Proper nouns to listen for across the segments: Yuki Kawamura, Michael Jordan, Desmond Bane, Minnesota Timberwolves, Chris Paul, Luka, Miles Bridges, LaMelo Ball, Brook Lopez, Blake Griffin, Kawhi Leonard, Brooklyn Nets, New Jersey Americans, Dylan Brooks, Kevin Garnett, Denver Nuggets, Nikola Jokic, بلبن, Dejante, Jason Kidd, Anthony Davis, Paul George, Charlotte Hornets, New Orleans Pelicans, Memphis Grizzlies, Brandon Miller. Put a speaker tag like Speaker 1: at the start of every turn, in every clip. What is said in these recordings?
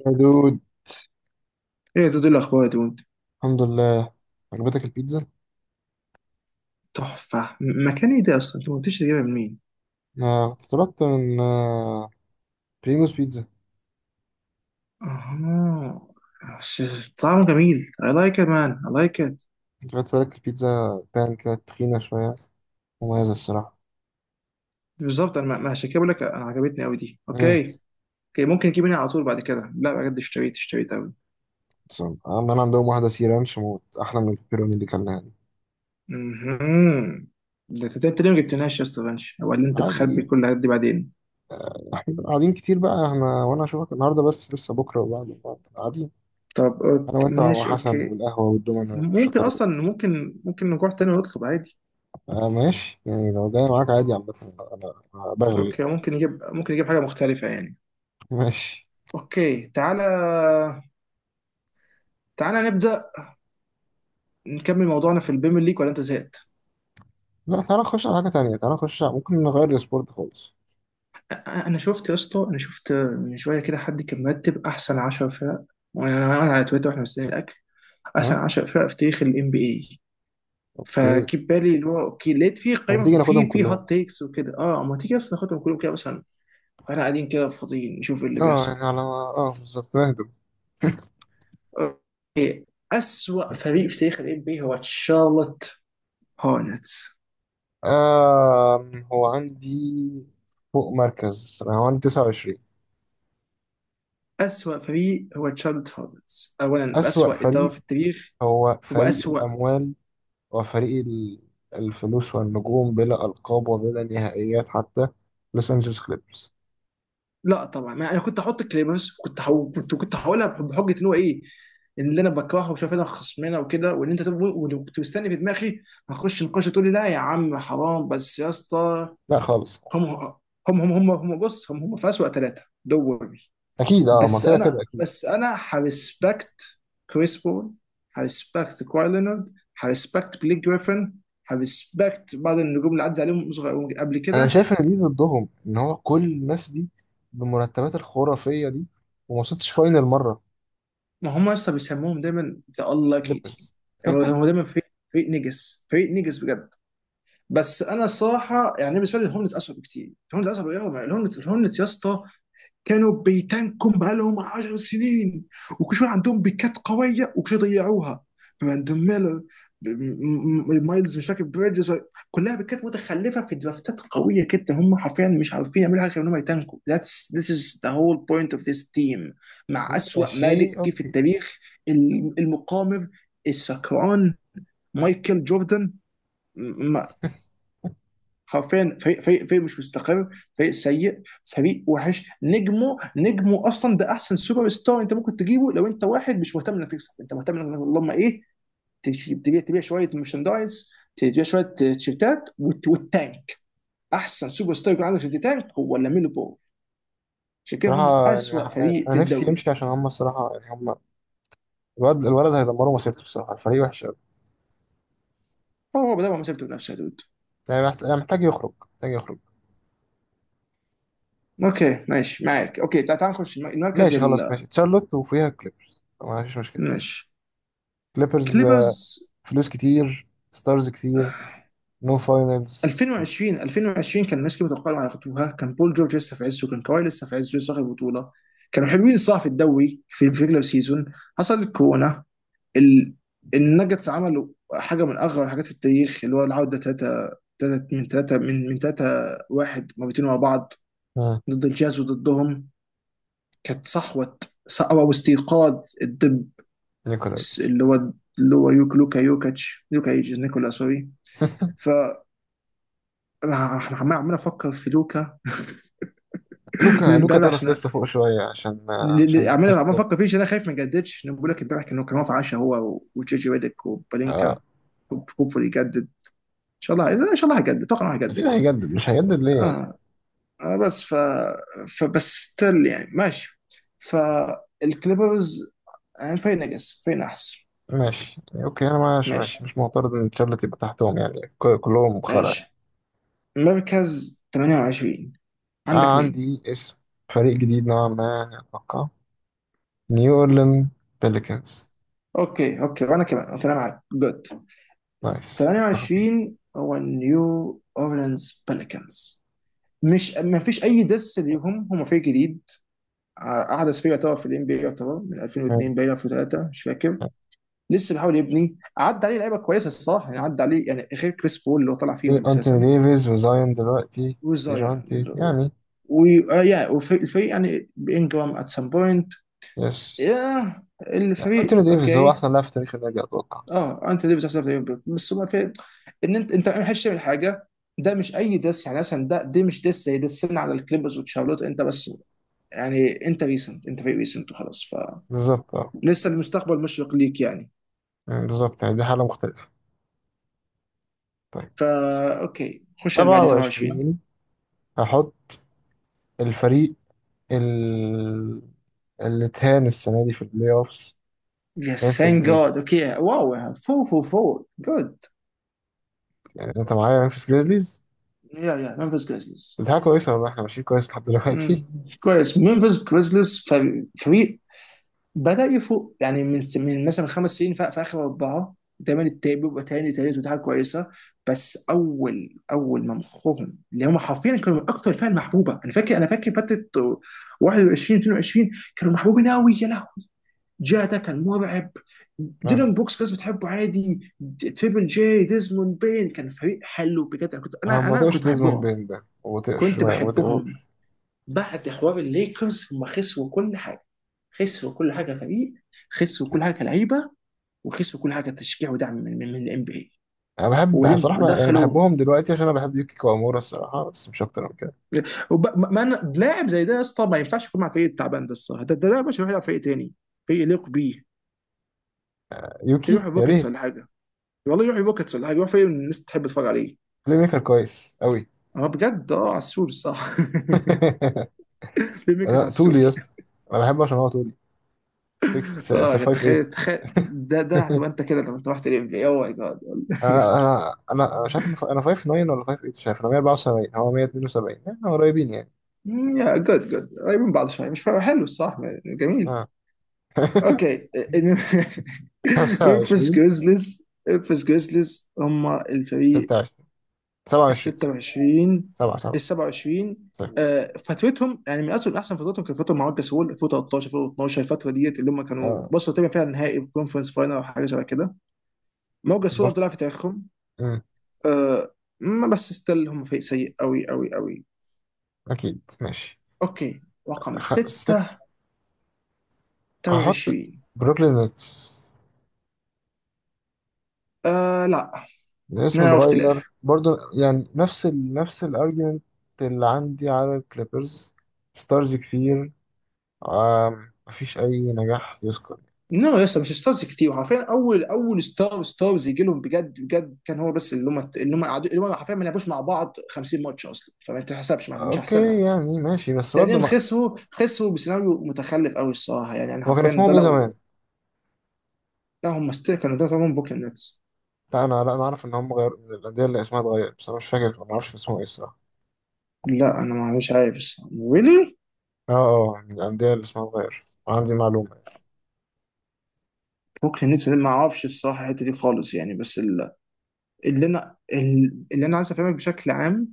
Speaker 1: يا دود،
Speaker 2: ايه دول الاخبار دي وانت؟
Speaker 1: الحمد لله. عجبتك البيتزا؟
Speaker 2: تحفه. مكان ايه ده اصلا؟ انت ما قلتش تجيبها منين.
Speaker 1: أنا كنت طلبت من بريموس بيتزا.
Speaker 2: اه. طعمه جميل. I like it, man, I like it.
Speaker 1: خدت بالك البيتزا بان كده تخينة شوية؟ مميزة الصراحة.
Speaker 2: بالظبط انا ما عشان كده بقول لك انا عجبتني قوي دي.
Speaker 1: امم
Speaker 2: اوكي. اوكي، ممكن اجيب منها على طول بعد كده، لا بجد، اشتريت قوي.
Speaker 1: عمال عندهم واحدة سي رانش موت أحلى من البيبروني اللي كلناها دي.
Speaker 2: امم ده انت أنت ليه ما جبتناش يا اسطى بنش؟ ولا انت بخبي
Speaker 1: عادي،
Speaker 2: كل الحاجات دي بعدين؟
Speaker 1: احنا قاعدين كتير بقى، احنا وأنا أشوفك النهاردة بس لسه بكرة وبعد قاعدين،
Speaker 2: طب أوكي،
Speaker 1: أنا وأنت
Speaker 2: ماشي،
Speaker 1: وحسن
Speaker 2: اوكي.
Speaker 1: والقهوة والدومينو
Speaker 2: ممكن
Speaker 1: والشطرنج.
Speaker 2: اصلا، ممكن نروح تاني ونطلب عادي.
Speaker 1: آه ماشي، يعني لو جاي معاك عادي، عامة أنا بغلي.
Speaker 2: اوكي، ممكن نجيب حاجه مختلفه يعني.
Speaker 1: ماشي.
Speaker 2: اوكي تعالى، تعالى نبدا. نكمل موضوعنا في البيم ليج ولا انت زهقت؟
Speaker 1: لا تعالى نخش على حاجة تانية، تعالى ممكن نغير السبورت خالص.
Speaker 2: انا شفت يا اسطى، انا شفت من شويه كده حد كان مرتب احسن 10 فرق. وانا انا على تويتر واحنا مستنيين الاكل. احسن
Speaker 1: ها،
Speaker 2: 10 فرق في تاريخ الام بي اي.
Speaker 1: اوكي.
Speaker 2: فجيب بالي اللي هو اوكي لقيت فيه
Speaker 1: طب ما
Speaker 2: قايمه
Speaker 1: تيجي ناخدهم
Speaker 2: في
Speaker 1: كلهم؟
Speaker 2: هات تيكس وكده، اه اما تيجي اصلا ناخدهم كلهم كده مثلا. احنا قاعدين كده فاضيين نشوف إيه اللي
Speaker 1: اه
Speaker 2: بيحصل.
Speaker 1: يعني على اه، بالظبط نهدم.
Speaker 2: اوكي. اسوأ فريق في تاريخ الام بي اي هو تشارلوت هورنتس.
Speaker 1: آه هو عندي فوق مركز، انا هو عندي 29.
Speaker 2: اسوأ فريق هو تشارلوت هورنتس، اولا
Speaker 1: أسوأ
Speaker 2: اسوأ اداره
Speaker 1: فريق
Speaker 2: في التاريخ.
Speaker 1: هو فريق
Speaker 2: واسوأ.
Speaker 1: الأموال، وفريق ال- الفلوس والنجوم بلا ألقاب وبلا نهائيات حتى، لوس أنجلوس كليبرز.
Speaker 2: لا طبعا انا، كنت هحط كليبرز، كنت هو، كنت هقولها بحجه ان هو ايه، ان اللي انا بكرهه وشايف انا خصمنا وكده، وان انت وكنت مستني في دماغي هخش نقاش تقول لي لا يا عم حرام، بس يا اسطى.
Speaker 1: لا خالص.
Speaker 2: هم هم، بص هم في اسوء ثلاثه دوري.
Speaker 1: أكيد، اه ما
Speaker 2: بس
Speaker 1: كده
Speaker 2: انا،
Speaker 1: كده أكيد.
Speaker 2: بس انا هريسبكت كريس بول، هريسبكت كواي لينارد، هريسبكت بليك جريفن، هريسبكت بعض النجوم اللي عدت عليهم قبل
Speaker 1: أنا
Speaker 2: كده.
Speaker 1: شايف إن دي ضدهم، إن هو كل الناس دي بالمرتبات الخرافية دي وما وصلتش فاينل مرة.
Speaker 2: ما هم اصلا بيسموهم دايما ذا unlucky team.
Speaker 1: كليبرز.
Speaker 2: يعني هو دايما فريق. فريق نجس، فريق نجس بجد. بس انا الصراحه يعني بالنسبه لي الهورنتس اسوء بكتير، الهورنتس اسوء بكتير، الهورنتس يا اسطى، كانوا بيتانكم بقالهم 10 سنين. وكل شويه عندهم بيكات قويه وكل شويه ضيعوها. براندون ميلر، مايلز، مش فاكر، بريدجز. كلها بيكات متخلفه في درافتات قويه جدا، هم حرفيا مش عارفين يعملوا حاجه غير انهم يتانكوا. That's, this is the whole point of this team. مع اسوأ
Speaker 1: ماشي
Speaker 2: مالك في
Speaker 1: اوكي.
Speaker 2: التاريخ. المقامر، السكران، مايكل جوردن. حرفيا فريق مش مستقر، فريق سيء، فريق وحش، نجمه اصلا ده احسن سوبر ستار انت ممكن تجيبه لو انت واحد مش مهتم انك تكسب، انت مهتم انك، اللهم ايه، تبيع شويه مرشندايز، تبيع شويه تيشيرتات، والتانك. احسن سوبر ستار يكون عندك في التانك هو لاميلو بول. عشان كده هم
Speaker 1: بصراحة
Speaker 2: اسوء
Speaker 1: يعني
Speaker 2: فريق في
Speaker 1: أنا نفسي
Speaker 2: الدوري.
Speaker 1: يمشي، عشان هم الصراحة يعني هم، الولد هيدمروا مسيرته الصراحة، الفريق وحش أوي.
Speaker 2: هو بدأ مسيرته بنفسه يا دود.
Speaker 1: يعني محتاج يخرج، محتاج يخرج.
Speaker 2: اوكي ماشي معاك، اوكي، تعال نخش المركز
Speaker 1: ماشي
Speaker 2: ال.
Speaker 1: خلاص، ماشي تشارلوت وفيها كليبرز ما فيش مشكلة.
Speaker 2: ماشي.
Speaker 1: كليبرز
Speaker 2: كليبرز.
Speaker 1: فلوس كتير، ستارز كتير، نو فاينلز.
Speaker 2: 2020 كان الناس كانوا متوقعين هياخدوها، كان بول جورج لسه في عزه، كان كواي لسه في عزه، لسه واخد بطوله. كانوا حلوين الصراحه في الدوري في الريجلر سيزون. حصل الكورونا. ال... النجتس عملوا حاجه من اغرب الحاجات في التاريخ، اللي هو العوده ثلاثه ثلاثه من ثلاثه من ثلاثه. واحد مرتين ورا بعض.
Speaker 1: مم.
Speaker 2: ضد الجاز وضدهم. كانت صحوه. صحوه واستيقاظ الدب.
Speaker 1: نيكولا يوكيتش.
Speaker 2: اللي هو، اللي هو لوكا يوكاتش لوكا يوكيتش نيكولا، سوري. ف انا عمال افكر في لوكا من
Speaker 1: لوكا
Speaker 2: امبابي.
Speaker 1: درس
Speaker 2: عشان
Speaker 1: لسه فوق شوية عشان عشان
Speaker 2: عمال
Speaker 1: مستر
Speaker 2: افكر فيه عشان انا خايف ما يجددش. أنا بقول لك امبارح كان واقف 10، هو وتشيجي ويدك
Speaker 1: آه،
Speaker 2: وبالينكا. كوبفول يجدد، ان شاء الله. لا، ان شاء الله هيجدد، اتوقع انه
Speaker 1: أكيد
Speaker 2: هيجدد يعني.
Speaker 1: هيجدد، مش هيجدد ليه يعني.
Speaker 2: اه. آه بس فبس ستيل يعني ماشي. فالكليبرز. آه، فين نجس، فين احسن.
Speaker 1: ماشي يعني أوكي، أنا ماشي،
Speaker 2: ماشي،
Speaker 1: ماشي مش معترض إن تشارلوت يبقى تحتهم، يعني ك- كلهم خرا.
Speaker 2: ماشي، مركز 28. عندك
Speaker 1: آه
Speaker 2: مين؟
Speaker 1: عندي اسم، فريق جديد نوعا ما يعني، أتوقع نيو أورلين بيليكنز.
Speaker 2: اوكي، اوكي وانا كمان، اوكي، انا معاك جود.
Speaker 1: نايس، متفقين.
Speaker 2: 28 هو نيو اورleans بليكنز. مش، ما فيش اي دس ليهم، هم فريق جديد. احدث فريق يعتبر في الان بي اي، يعتبر من
Speaker 1: مم.
Speaker 2: 2002 باين 2003 مش فاكر. لسه بيحاول يبني، عدى عليه لعيبه كويسه الصراحه يعني، عدى عليه يعني غير كريس بول اللي هو طلع
Speaker 1: إيه
Speaker 2: فيهم اساسا.
Speaker 1: أنتوني ديفيز وزايون دلوقتي،
Speaker 2: وزايان.
Speaker 1: ديجانتي يعني.
Speaker 2: ويا الفريق يعني بانجرام ات سام بوينت.
Speaker 1: يس.
Speaker 2: يا
Speaker 1: يعني
Speaker 2: الفريق
Speaker 1: أنتوني ديفيز هو
Speaker 2: اوكي.
Speaker 1: أحسن لاعب في تاريخ النادي أتوقع.
Speaker 2: اه، انت ديفيس احسن في الفريق، بس هو الفريق، ان انت، ما حدش تعمل حاجه. ده مش اي دس يعني مثلا، ده دي مش دس زي دسنا على الكليبرز وتشارلوت، انت بس يعني انت ريسنت، انت فريق ريسنت وخلاص.
Speaker 1: بالظبط أه.
Speaker 2: فلسه المستقبل مشرق ليك يعني.
Speaker 1: مم، بالظبط يعني دي حالة مختلفة. طيب.
Speaker 2: فا اوكي، خش على اللي بعديه 27.
Speaker 1: 27، هحط الفريق ال... اللي اتهان السنة دي في البلاي أوفس.
Speaker 2: يس
Speaker 1: ممفيس
Speaker 2: ثانك
Speaker 1: جريزليز.
Speaker 2: جاد، اوكي، واو، 4، 4 جود.
Speaker 1: يعني أنت معايا ممفيس جريزليز؟
Speaker 2: يا ممفيس جريزليز.
Speaker 1: الدفاع كويسة والله، احنا ماشيين كويس لحد دلوقتي.
Speaker 2: مم. كويس، ممفيس جريزليز. فريق بدأ يفوق يعني من من مثلا 5 سنين في آخر أربعة. دايما التاني بيبقى تاني تالت ودي حاجة كويسة. بس أول ما مخهم اللي هم حرفيا كانوا من أكتر الفئة المحبوبة. أنا فاكر فترة 21، 22، كانوا محبوبين أوي يا لهوي. جا ده كان مرعب.
Speaker 1: آه.
Speaker 2: ديلان بوكس الناس بتحبه عادي، تريبل جي، ديزموند بين، كان فريق حلو بجد، أنا كنت
Speaker 1: انا
Speaker 2: أنا
Speaker 1: ما
Speaker 2: أنا
Speaker 1: بطيقش
Speaker 2: كنت
Speaker 1: ديزموند
Speaker 2: بحبهم.
Speaker 1: بين ده، ما بطيقش،
Speaker 2: كنت
Speaker 1: ما
Speaker 2: بحبهم.
Speaker 1: بطيقوش.
Speaker 2: بعد حوار الليكرز هم خسروا كل حاجة. خسروا كل حاجه فريق. خسروا كل حاجه كلعيبه. وخسروا كل حاجه تشجيع ودعم من الام بي اي.
Speaker 1: انا بحب
Speaker 2: وبعدين
Speaker 1: بصراحه بقى- يعني
Speaker 2: دخلوا.
Speaker 1: بحبهم دلوقتي عشان انا بحب يوكي كوامورا الصراحه، بس مش اكتر من كده.
Speaker 2: وب- ما ما لاعب زي ده يا اسطى ما ينفعش يكون مع فريق التعبان ده الصراحه، ده لاعب عشان يروح يلعب فريق تاني، فريق يليق بيه. يروح
Speaker 1: يوكي يا
Speaker 2: الروكيتس ولا
Speaker 1: ريت.
Speaker 2: حاجه. والله يروح الروكيتس ولا حاجه، يروح فريق الناس تحب تتفرج عليه.
Speaker 1: بلاي ميكر كويس قوي.
Speaker 2: اه بجد، اه عسول الصراحه. ليه ميكس
Speaker 1: انا
Speaker 2: عسول.
Speaker 1: طولي يا اسطى، انا بحبه عشان هو طولي. 6
Speaker 2: اه
Speaker 1: 5 8.
Speaker 2: تخيل ده هتبقى انت كده لما انت رحت الام بي اي، اوه ماي جاد.
Speaker 1: انا انا انا أنا مش عارف انا، أنا 5 9 ولا 5 8 مش عارف، انا 174 هو 172، احنا قريبين يعني.
Speaker 2: يا جود، جود، قريبين من بعض شويه، مش فارق، حلو الصراحه، جميل.
Speaker 1: اه.
Speaker 2: اوكي. ممفيس
Speaker 1: 25
Speaker 2: جريزليز، هم الفريق
Speaker 1: 26
Speaker 2: ال
Speaker 1: 27 سوري،
Speaker 2: 26.
Speaker 1: 7
Speaker 2: ال
Speaker 1: 7
Speaker 2: 27.
Speaker 1: سوري.
Speaker 2: آه، فترتهم يعني من اصل احسن فترتهم كانت فتره مع روجر سول 2013، 2012، الفتره ديت اللي هم كانوا
Speaker 1: اه
Speaker 2: وصلوا تقريبا فيها النهائي كونفرنس فاينل او حاجه شبه كده. روجر سول
Speaker 1: بص،
Speaker 2: افضل لاعب في تاريخهم. آه، ما بس ستيل هم فريق سيء قوي قوي قوي.
Speaker 1: أكيد ماشي.
Speaker 2: اوكي. رقم
Speaker 1: ست. هحط
Speaker 2: 26.
Speaker 1: بروكلين نتس.
Speaker 2: آه لا.
Speaker 1: الاسم
Speaker 2: انا واختلاف.
Speaker 1: اتغير برضو يعني، نفس نفس الارجيومنت اللي عندي على الكليبرز، ستارز كتير، مفيش أي نجاح يذكر.
Speaker 2: لا يا اسطى مش ستارز كتير، حرفيا اول اول ستارز يجي لهم بجد بجد كان هو بس، اللي هم، اللي هم حرفيا ما لعبوش مع بعض 50 ماتش اصلا، فما تحسبش، مش
Speaker 1: أوكي
Speaker 2: هحسبها.
Speaker 1: يعني ماشي، بس برضو
Speaker 2: ثانيا
Speaker 1: ما...
Speaker 2: خسروا بسيناريو متخلف قوي الصراحه يعني، انا
Speaker 1: هو كان
Speaker 2: حرفيا
Speaker 1: اسمهم
Speaker 2: ده
Speaker 1: إيه زمان؟
Speaker 2: لو. لا هم ستيل كانوا، ده طبعا بوكلين نتس.
Speaker 1: لا أنا، لا أنا أعرف إن هم غيروا، من الأندية اللي اسمها اتغير، بس أنا مش فاكر، ما أعرفش كان اسمهم إيه الصراحة.
Speaker 2: لا انا، ما مش عارف الصراحه ويلي.
Speaker 1: أه أه، من الأندية اللي اسمها اتغير عندي معلومة.
Speaker 2: بوكلين نتس ما اعرفش الصراحه الحته دي خالص يعني، بس اللي انا عايز افهمك بشكل عام،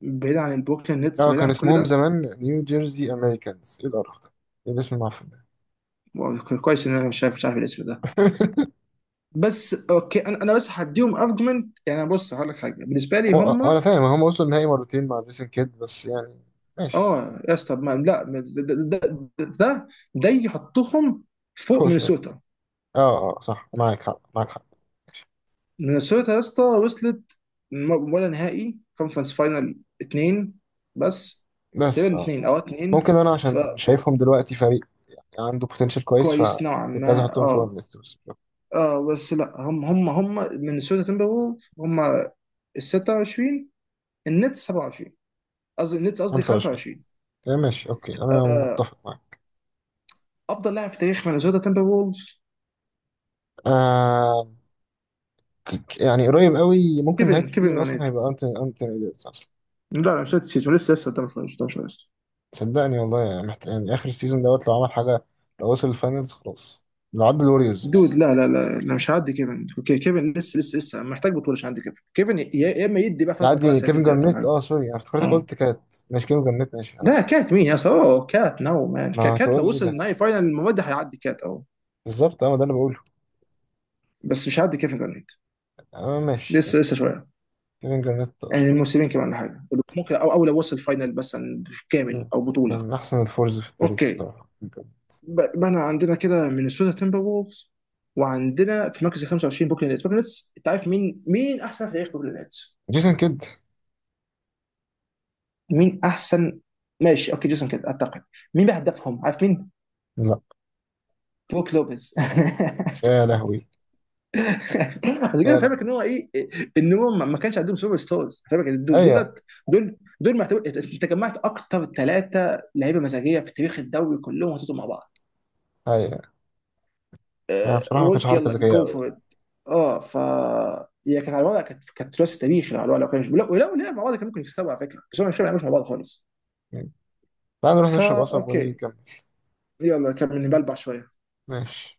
Speaker 2: بعيد عن البوكلين نتس
Speaker 1: أه
Speaker 2: وبعيد
Speaker 1: كان
Speaker 2: عن كل
Speaker 1: اسمهم
Speaker 2: ده.
Speaker 1: زمان نيو جيرسي أمريكانز، إيه القرف ده؟ إيه الاسم المعفن ده؟
Speaker 2: واو، كويس ان انا مش عارف، الاسم ده. بس اوكي انا انا بس هديهم ارجمنت يعني، بص هقول لك حاجه بالنسبه لي
Speaker 1: هو انا
Speaker 2: هم،
Speaker 1: فاهم هم وصلوا النهائي مرتين مع جيسون كيد، بس يعني ماشي،
Speaker 2: اه يا اسطى، ما لا ما- ده ده, ده يحطهم فوق
Speaker 1: فوق شويه.
Speaker 2: مينيسوتا.
Speaker 1: اه اه صح، معاك حق، معاك حق.
Speaker 2: مينيسوتا يا اسطى وصلت، ولا نهائي كونفرنس فاينل اتنين بس.
Speaker 1: بس
Speaker 2: تقريبا
Speaker 1: اه
Speaker 2: اتنين او اتنين.
Speaker 1: ممكن انا عشان شايفهم دلوقتي فريق عنده بوتنشال كويس،
Speaker 2: فكويس نوعا
Speaker 1: فكنت عايز
Speaker 2: ما،
Speaker 1: احطهم فوق
Speaker 2: اه.
Speaker 1: النست بس مش أكتر.
Speaker 2: اه بس لا هم هم مينيسوتا تيمبرولف هم ال 26، النتس 27، قصدي النتس قصدي
Speaker 1: 25.
Speaker 2: 25.
Speaker 1: آه، ماشي اوكي، انا متفق معاك.
Speaker 2: افضل لاعب في تاريخ مينيسوتا تمبر وولز.
Speaker 1: آه، يعني قريب قوي، ممكن نهايه
Speaker 2: كيفن
Speaker 1: السيزون اصلا
Speaker 2: جرانيت.
Speaker 1: هيبقى انتوني، انتوني إيديتس اصلا.
Speaker 2: لا لا مش هذا السيزون، لسه قدام شويه قدام شويه لسه.
Speaker 1: صدقني والله يعني، يعني اخر السيزون دوت لو عمل حاجه، لو وصل الفاينلز خلاص، لو عدى الوريوز بس.
Speaker 2: دود، لا لا لا لا، مش هعدي كيفن. اوكي، كيفن لسه محتاج بطوله عشان عندي كيفن. يا اما يدي بقى فتره كمان
Speaker 1: يعدي كيفن
Speaker 2: سنتين ثلاثه ولا
Speaker 1: جارنيت،
Speaker 2: حاجه.
Speaker 1: اه سوري انا افتكرتك
Speaker 2: اه.
Speaker 1: قلت كات، ماشي كيفن جارنيت، ماشي
Speaker 2: لا
Speaker 1: خلاص.
Speaker 2: كات مين يا اسطى؟ اوه كات، نو مان،
Speaker 1: انا
Speaker 2: كات
Speaker 1: هتقول
Speaker 2: لو
Speaker 1: ايه
Speaker 2: وصل
Speaker 1: ده،
Speaker 2: نهائي فاينل المواد ده هيعدي كات اهو.
Speaker 1: بالظبط اه، ما ده اللي بقوله.
Speaker 2: بس مش هيعدي كيفن جرانيت.
Speaker 1: اه ماشي.
Speaker 2: لسه، لسه شويه.
Speaker 1: كيفن جارنيت
Speaker 2: يعني
Speaker 1: اسطوره.
Speaker 2: الموسمين كمان ولا حاجه. ممكن، او او لو وصل فاينل مثلا كامل
Speaker 1: مم.
Speaker 2: او بطوله.
Speaker 1: من احسن الفورز في التاريخ
Speaker 2: اوكي.
Speaker 1: الصراحه.
Speaker 2: بقى عندنا كده مينيسوتا تيمبر وولفز، وعندنا في مركز ال 25 بوكلين نتس. انت عارف مين، احسن في تاريخ بوكلين نتس؟
Speaker 1: جيسون كيد.
Speaker 2: مين احسن؟ ماشي اوكي جيسون كده اعتقد. مين بقى هدافهم عارف مين؟
Speaker 1: لا.
Speaker 2: بروك لوبيز.
Speaker 1: يا لهوي.
Speaker 2: عشان كده
Speaker 1: يا
Speaker 2: فاهمك
Speaker 1: لهوي.
Speaker 2: ان هو ايه، ان هو ما كانش عندهم سوبر ستارز، فاهمك إن
Speaker 1: ايوه.
Speaker 2: دولت دول معتبر انت جمعت اكتر ثلاثه لعيبه مزاجيه في تاريخ الدوري كلهم حطيتهم مع بعض،
Speaker 1: ايوه. انا
Speaker 2: آه،
Speaker 1: بصراحه ما كانتش
Speaker 2: وقلت
Speaker 1: حركه
Speaker 2: يلا
Speaker 1: ذكيه
Speaker 2: جو
Speaker 1: قوي
Speaker 2: فور
Speaker 1: يعني.
Speaker 2: ات. اه هي كانت على الوضع، كانت ثلاثي تاريخي على الوضع لو كانش، لا ولو لعب مع بعض كان ممكن يكسبوا على فكره، بس هم مش بيلعبوش مع بعض خالص.
Speaker 1: مم. تعال نروح نشرب
Speaker 2: فا
Speaker 1: قصب ونيجي
Speaker 2: اوكي.
Speaker 1: نكمل.
Speaker 2: يلا كمل بلبع شويه.
Speaker 1: ماشي.